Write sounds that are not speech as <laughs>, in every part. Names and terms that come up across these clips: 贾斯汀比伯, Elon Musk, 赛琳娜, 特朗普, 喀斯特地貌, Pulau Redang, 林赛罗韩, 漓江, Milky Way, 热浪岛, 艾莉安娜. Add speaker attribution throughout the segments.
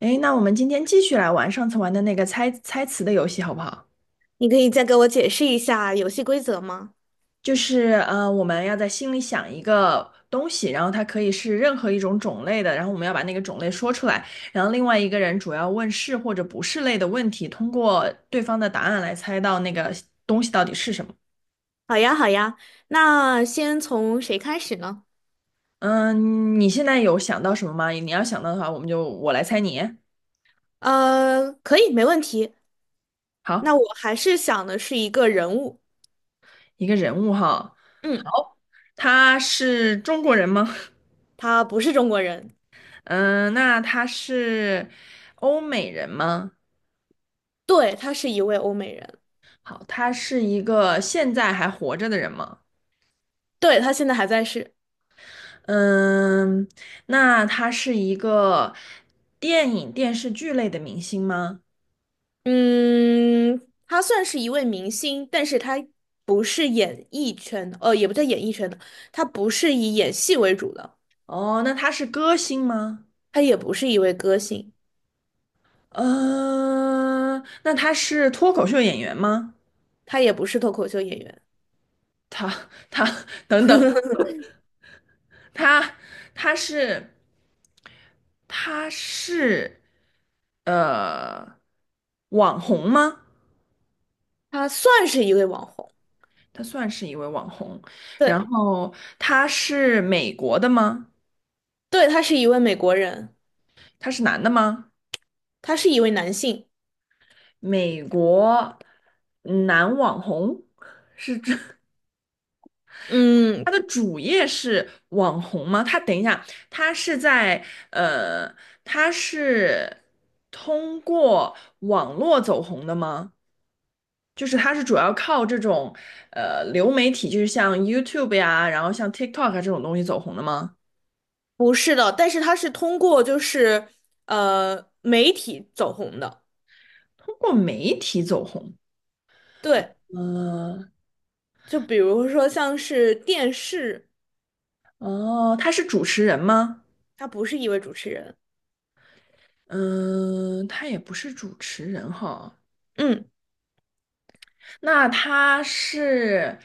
Speaker 1: 诶，那我们今天继续来玩上次玩的那个猜猜词的游戏，好不好？
Speaker 2: 你可以再给我解释一下游戏规则吗？
Speaker 1: 就是我们要在心里想一个东西，然后它可以是任何一种种类的，然后我们要把那个种类说出来，然后另外一个人主要问是或者不是类的问题，通过对方的答案来猜到那个东西到底是什么。
Speaker 2: 好呀，好呀，那先从谁开始呢？
Speaker 1: 嗯，你现在有想到什么吗？你要想到的话，我们就我来猜你。
Speaker 2: 可以，没问题。那
Speaker 1: 好，
Speaker 2: 我还是想的是一个人物，
Speaker 1: 一个人物哈，
Speaker 2: 嗯，
Speaker 1: 他是中国人吗？
Speaker 2: 他不是中国人，
Speaker 1: <laughs> 嗯，那他是欧美人吗？
Speaker 2: 对，他是一位欧美人，
Speaker 1: 好，他是一个现在还活着的人吗？
Speaker 2: 对，他现在还在世，
Speaker 1: 嗯，那他是一个电影、电视剧类的明星吗？
Speaker 2: 嗯，他算是一位明星，但是他不是演艺圈的，也不叫演艺圈的，他不是以演戏为主的，
Speaker 1: 哦，那他是歌星吗？
Speaker 2: 他也不是一位歌星，
Speaker 1: 呃，那他是脱口秀演员吗？
Speaker 2: 他也不是脱口秀演员，
Speaker 1: 他他 <laughs> 等等，他他是他是呃网红吗？
Speaker 2: 他算是一位网红。
Speaker 1: 他算是一位网红，然
Speaker 2: 对。
Speaker 1: 后他是美国的吗？
Speaker 2: 对，他是一位美国人，
Speaker 1: 他是男的吗？
Speaker 2: 他是一位男性。
Speaker 1: 美国嗯男网红，他
Speaker 2: 嗯，
Speaker 1: 的主业是网红吗？他等一下，呃，他是通过网络走红的吗？就是他是主要靠这种流媒体，就是像 YouTube 呀，然后像 TikTok 啊这种东西走红的吗？
Speaker 2: 不是的，但是他是通过媒体走红的。
Speaker 1: 通过媒体走红，
Speaker 2: 对，
Speaker 1: 呃，
Speaker 2: 就比如说像是电视，
Speaker 1: 哦，他是主持人吗？
Speaker 2: 他不是一位主持人。
Speaker 1: 嗯、他也不是主持人哈。
Speaker 2: 嗯，
Speaker 1: 那他是，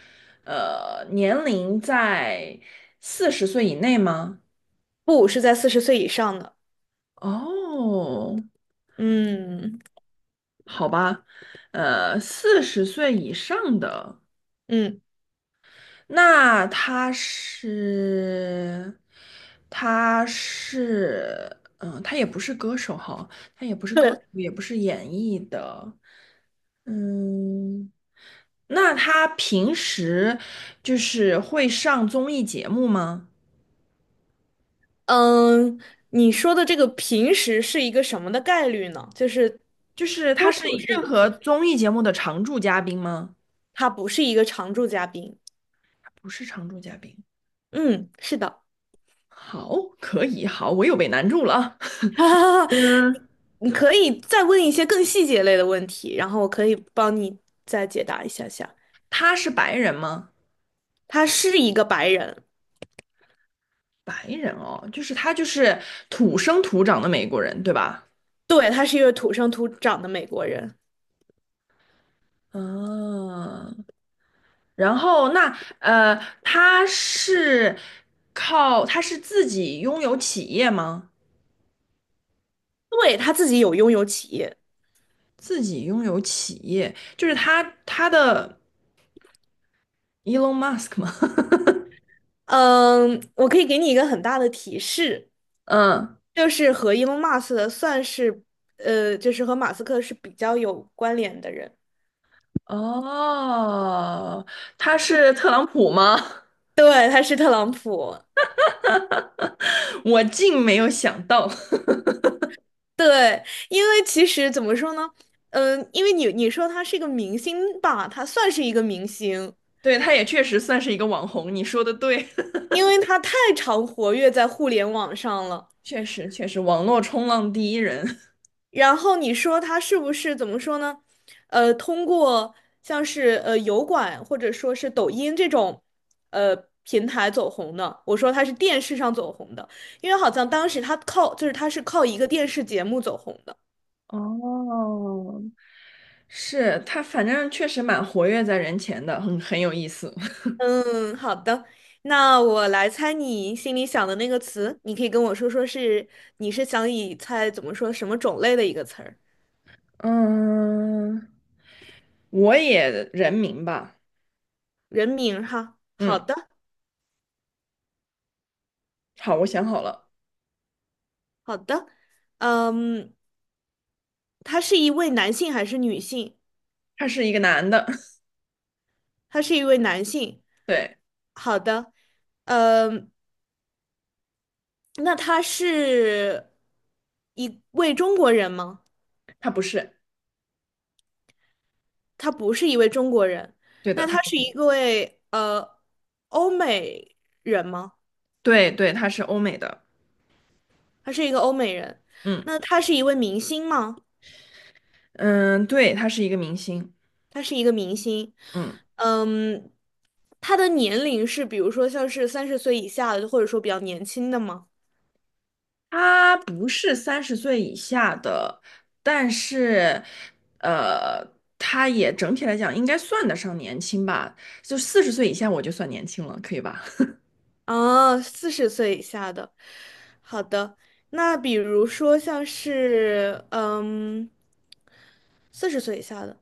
Speaker 1: 呃，年龄在40岁以内吗？
Speaker 2: 不，是在四十岁以上的。
Speaker 1: 哦，
Speaker 2: 嗯
Speaker 1: 好吧，40岁以上的，
Speaker 2: 嗯，
Speaker 1: 那他是，他是，嗯、他也不是歌手哈，他也不是歌手，
Speaker 2: 对，
Speaker 1: 也不是演艺的，嗯，那他平时就是会上综艺节目吗？
Speaker 2: 嗯，你说的这个平时是一个什么的概率呢？就是
Speaker 1: 就是他
Speaker 2: 多
Speaker 1: 是
Speaker 2: 久是一
Speaker 1: 任
Speaker 2: 个
Speaker 1: 何
Speaker 2: 平？
Speaker 1: 综艺节目的常驻嘉宾吗？
Speaker 2: 他不是一个常驻嘉宾。
Speaker 1: 不是常驻嘉宾。
Speaker 2: 嗯，是的。
Speaker 1: 好，可以，好，我又被难住了啊
Speaker 2: <laughs> 啊，
Speaker 1: <laughs> 嗯，
Speaker 2: 你可以再问一些更细节类的问题，然后我可以帮你再解答一下下。
Speaker 1: 他是白人吗？
Speaker 2: 他是一个白人，
Speaker 1: 白人哦，他就是土生土长的美国人，对吧？
Speaker 2: 对，他是一个土生土长的美国人，
Speaker 1: 嗯，然后那呃，他是靠他是自己拥有企业吗？
Speaker 2: 对，他自己有拥有企业。
Speaker 1: 自己拥有企业，就是他他的 Elon Musk 吗？
Speaker 2: 嗯，我可以给你一个很大的提示，
Speaker 1: <laughs> 嗯。
Speaker 2: 就是和 Elon Musk 的算是，就是和马斯克是比较有关联的人。
Speaker 1: 哦，他是特朗普吗？
Speaker 2: 对，他是特朗普，
Speaker 1: <laughs> 我竟没有想到，
Speaker 2: 对，因为其实怎么说呢，因为你说他是一个明星吧，他算是一个明星，
Speaker 1: <laughs> 对，他也确实算是一个网红。你说的对，
Speaker 2: 因为他太常活跃在互联网上了。
Speaker 1: <laughs> 确实确实，网络冲浪第一人。
Speaker 2: 然后你说他是不是怎么说呢？通过像是油管或者说是抖音这种呃平台走红的，我说他是电视上走红的，因为好像当时他靠就是他是靠一个电视节目走红的。
Speaker 1: <laughs> 哦，是他，反正确实蛮活跃在人前的，很有意思。
Speaker 2: 嗯，好的，那我来猜你心里想的那个词，你可以跟我说说你是想以猜怎么说什么种类的一个词儿，
Speaker 1: <laughs> 嗯，我也人名吧。
Speaker 2: 人名儿哈。好
Speaker 1: 嗯，
Speaker 2: 的，
Speaker 1: 好，我想好了，
Speaker 2: 好的，嗯，他是一位男性还是女性？
Speaker 1: 他是一个男的，
Speaker 2: 他是一位男性。
Speaker 1: <laughs> 对，
Speaker 2: 好的，呃，那他是一位中国人吗？
Speaker 1: 他不是，
Speaker 2: 他不是一位中国人，
Speaker 1: 对的，
Speaker 2: 那
Speaker 1: 他
Speaker 2: 他
Speaker 1: 不
Speaker 2: 是
Speaker 1: 是
Speaker 2: 一
Speaker 1: 的
Speaker 2: 位欧美人吗？
Speaker 1: 对对，他是欧美的。
Speaker 2: 他是一个欧美人。
Speaker 1: 嗯
Speaker 2: 那他是一位明星吗？
Speaker 1: 嗯，对，他是一个明星。
Speaker 2: 他是一个明星。
Speaker 1: 嗯，
Speaker 2: 嗯，他的年龄是比如说像是三十岁以下的，或者说比较年轻的吗？
Speaker 1: 他不是30岁以下的，但是，呃，他也整体来讲应该算得上年轻吧，就40岁以下我就算年轻了，可以吧？<laughs>
Speaker 2: 啊，四十岁以下的。好的，那比如说像是嗯，四十岁以下的，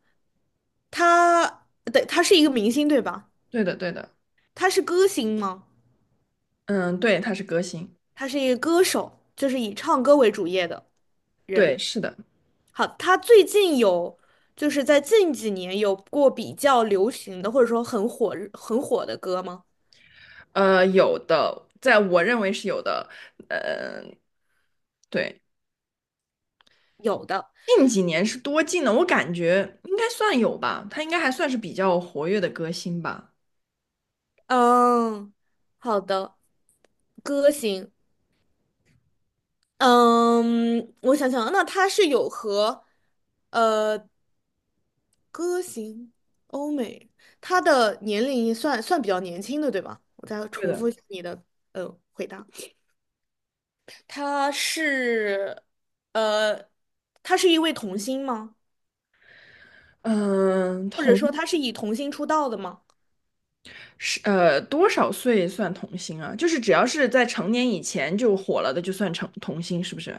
Speaker 2: 他对，他是一个明星对吧？
Speaker 1: 对的，对的，
Speaker 2: 他是歌星吗？
Speaker 1: 嗯，对，他是歌星，
Speaker 2: 他是一个歌手，就是以唱歌为主业的。人。
Speaker 1: 对，是的，
Speaker 2: 好，他最近有，就是在近几年有过比较流行的，或者说很火很火的歌吗？
Speaker 1: 有的，在我认为是有的，呃对，
Speaker 2: 有的，
Speaker 1: 近几年是多近呢？我感觉应该算有吧，他应该还算是比较活跃的歌星吧。
Speaker 2: 嗯，好的，歌星，嗯，我想想啊，那他是有和，呃，歌星欧美，他的年龄算比较年轻的，对吧？我再
Speaker 1: 对
Speaker 2: 重
Speaker 1: 的。
Speaker 2: 复一下你的回答，他是，呃，他是一位童星吗？
Speaker 1: 嗯，
Speaker 2: 或者
Speaker 1: 同。
Speaker 2: 说他是以童星出道的吗？
Speaker 1: 多少岁算童星啊？就是只要是在成年以前就火了的，就算成童星，是不是？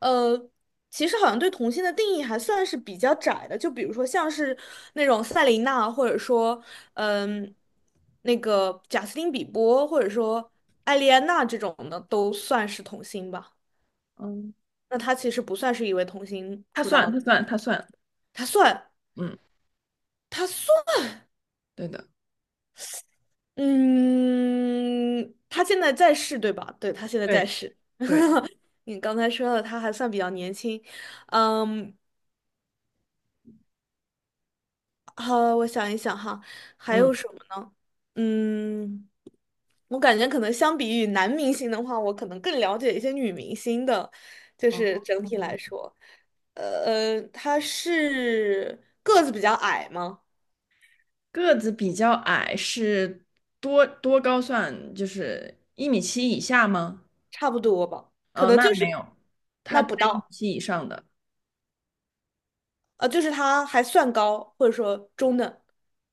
Speaker 2: 呃，其实好像对童星的定义还算是比较窄的，就比如说像是那种赛琳娜，或者说嗯，那个贾斯汀比伯，或者说艾莉安娜这种的，都算是童星吧。
Speaker 1: 嗯，
Speaker 2: 那他其实不算是一位童星
Speaker 1: 他
Speaker 2: 出
Speaker 1: 算，
Speaker 2: 道的，
Speaker 1: 他算，他算。
Speaker 2: 他算
Speaker 1: 嗯，
Speaker 2: 他
Speaker 1: 对的，
Speaker 2: 嗯，他现在在世对吧？对，他现在在
Speaker 1: 对
Speaker 2: 世。
Speaker 1: 对，
Speaker 2: 你刚才说了，他还算比较年轻，嗯，好，我想一想哈，还
Speaker 1: 嗯，
Speaker 2: 有什么呢？嗯，我感觉可能相比于男明星的话，我可能更了解一些女明星的，就是
Speaker 1: 哦，
Speaker 2: 整体来说，她是个子比较矮吗？
Speaker 1: 个子比较矮是多高算？就是1.7米以下吗？
Speaker 2: 差不多吧，可能
Speaker 1: 那
Speaker 2: 就
Speaker 1: 没
Speaker 2: 是
Speaker 1: 有，他
Speaker 2: 那
Speaker 1: 在
Speaker 2: 不
Speaker 1: 一米
Speaker 2: 到，
Speaker 1: 七以上的，
Speaker 2: 就是她还算高，或者说中等。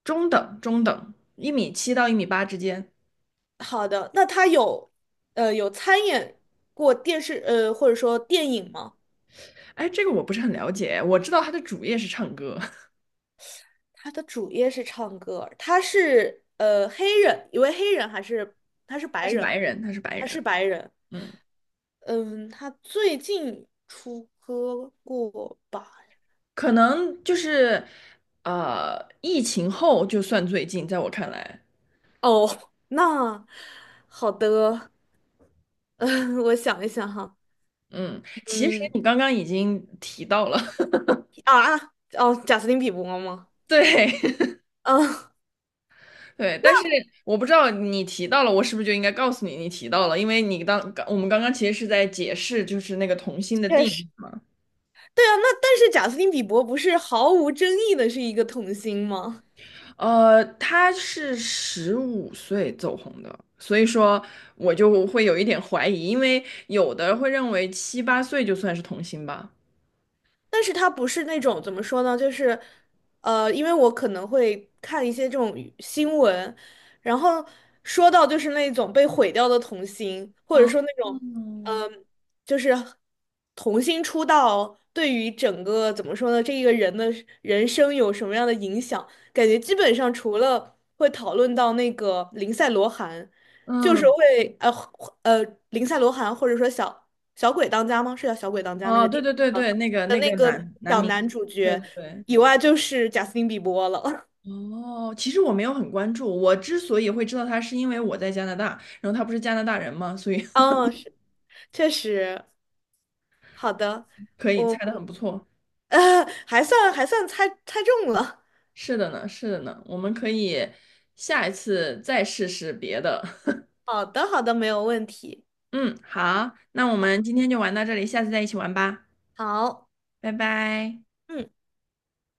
Speaker 1: 中等中等，1.7米到1.8米之间。
Speaker 2: 好的，那她有有参演过电视或者说电影吗？
Speaker 1: 哎，这个我不是很了解，我知道他的主业是唱歌，
Speaker 2: 他的主业是唱歌，他是黑人，一位黑人还是他是
Speaker 1: <laughs> 他
Speaker 2: 白
Speaker 1: 是
Speaker 2: 人
Speaker 1: 白
Speaker 2: 吗？
Speaker 1: 人，他是白
Speaker 2: 他是
Speaker 1: 人。
Speaker 2: 白人，
Speaker 1: 嗯。
Speaker 2: 嗯，他最近出歌过吧？
Speaker 1: 可能就是疫情后就算最近，在我看来，
Speaker 2: 哦，那好的，<laughs> 嗯，我想一想哈，
Speaker 1: 嗯，其实
Speaker 2: 嗯
Speaker 1: 你刚刚已经提到了，
Speaker 2: 啊啊哦，贾斯汀比伯吗？
Speaker 1: <laughs> 对
Speaker 2: 嗯，
Speaker 1: <laughs> 对，但是我不知道你提到了，我是不是就应该告诉你你提到了，因为你当刚我们刚刚其实是在解释就是那个童星的
Speaker 2: 确
Speaker 1: 定
Speaker 2: 实，
Speaker 1: 义，
Speaker 2: 对啊，那但是贾斯汀比伯不是毫无争议的是一个童星吗？
Speaker 1: 他是15岁走红的。所以说，我就会有一点怀疑，因为有的会认为七八岁就算是童星吧。
Speaker 2: 但是它不是那种怎么说呢，就是，因为我可能会看一些这种娱新闻，然后说到就是那种被毁掉的童星，或者
Speaker 1: 哦，
Speaker 2: 说那种，
Speaker 1: 嗯，
Speaker 2: 嗯、呃就是童星出道对于整个怎么说呢，这一个人的人生有什么样的影响，感觉基本上除了会讨论到那个林赛罗韩，就是
Speaker 1: 嗯，
Speaker 2: 会呃林赛罗韩或者说小鬼当家吗？是叫小鬼当家那
Speaker 1: 哦，
Speaker 2: 个
Speaker 1: 对
Speaker 2: 电
Speaker 1: 对对对，那个
Speaker 2: 的
Speaker 1: 那
Speaker 2: 那
Speaker 1: 个
Speaker 2: 个
Speaker 1: 男
Speaker 2: 小
Speaker 1: 明
Speaker 2: 男
Speaker 1: 星，
Speaker 2: 主
Speaker 1: 对
Speaker 2: 角
Speaker 1: 对对。
Speaker 2: 以外，就是贾斯汀比伯了。<laughs>
Speaker 1: 哦，其实我没有很关注，我之所以会知道他，是因为我在加拿大，然后他不是加拿大人嘛，所以
Speaker 2: 嗯，是，确实，好的，
Speaker 1: <laughs> 可以
Speaker 2: 我
Speaker 1: 猜的很不错。
Speaker 2: 呃 <laughs> 还算猜猜中了。
Speaker 1: 是的呢，是的呢，我们可以下一次再试试别的。<laughs>
Speaker 2: <laughs> 好的，好的，没有问题。
Speaker 1: 嗯，好，那我
Speaker 2: 好，
Speaker 1: 们今天就玩到这里，下次再一起玩吧，
Speaker 2: 好，
Speaker 1: 拜拜。
Speaker 2: 嗯。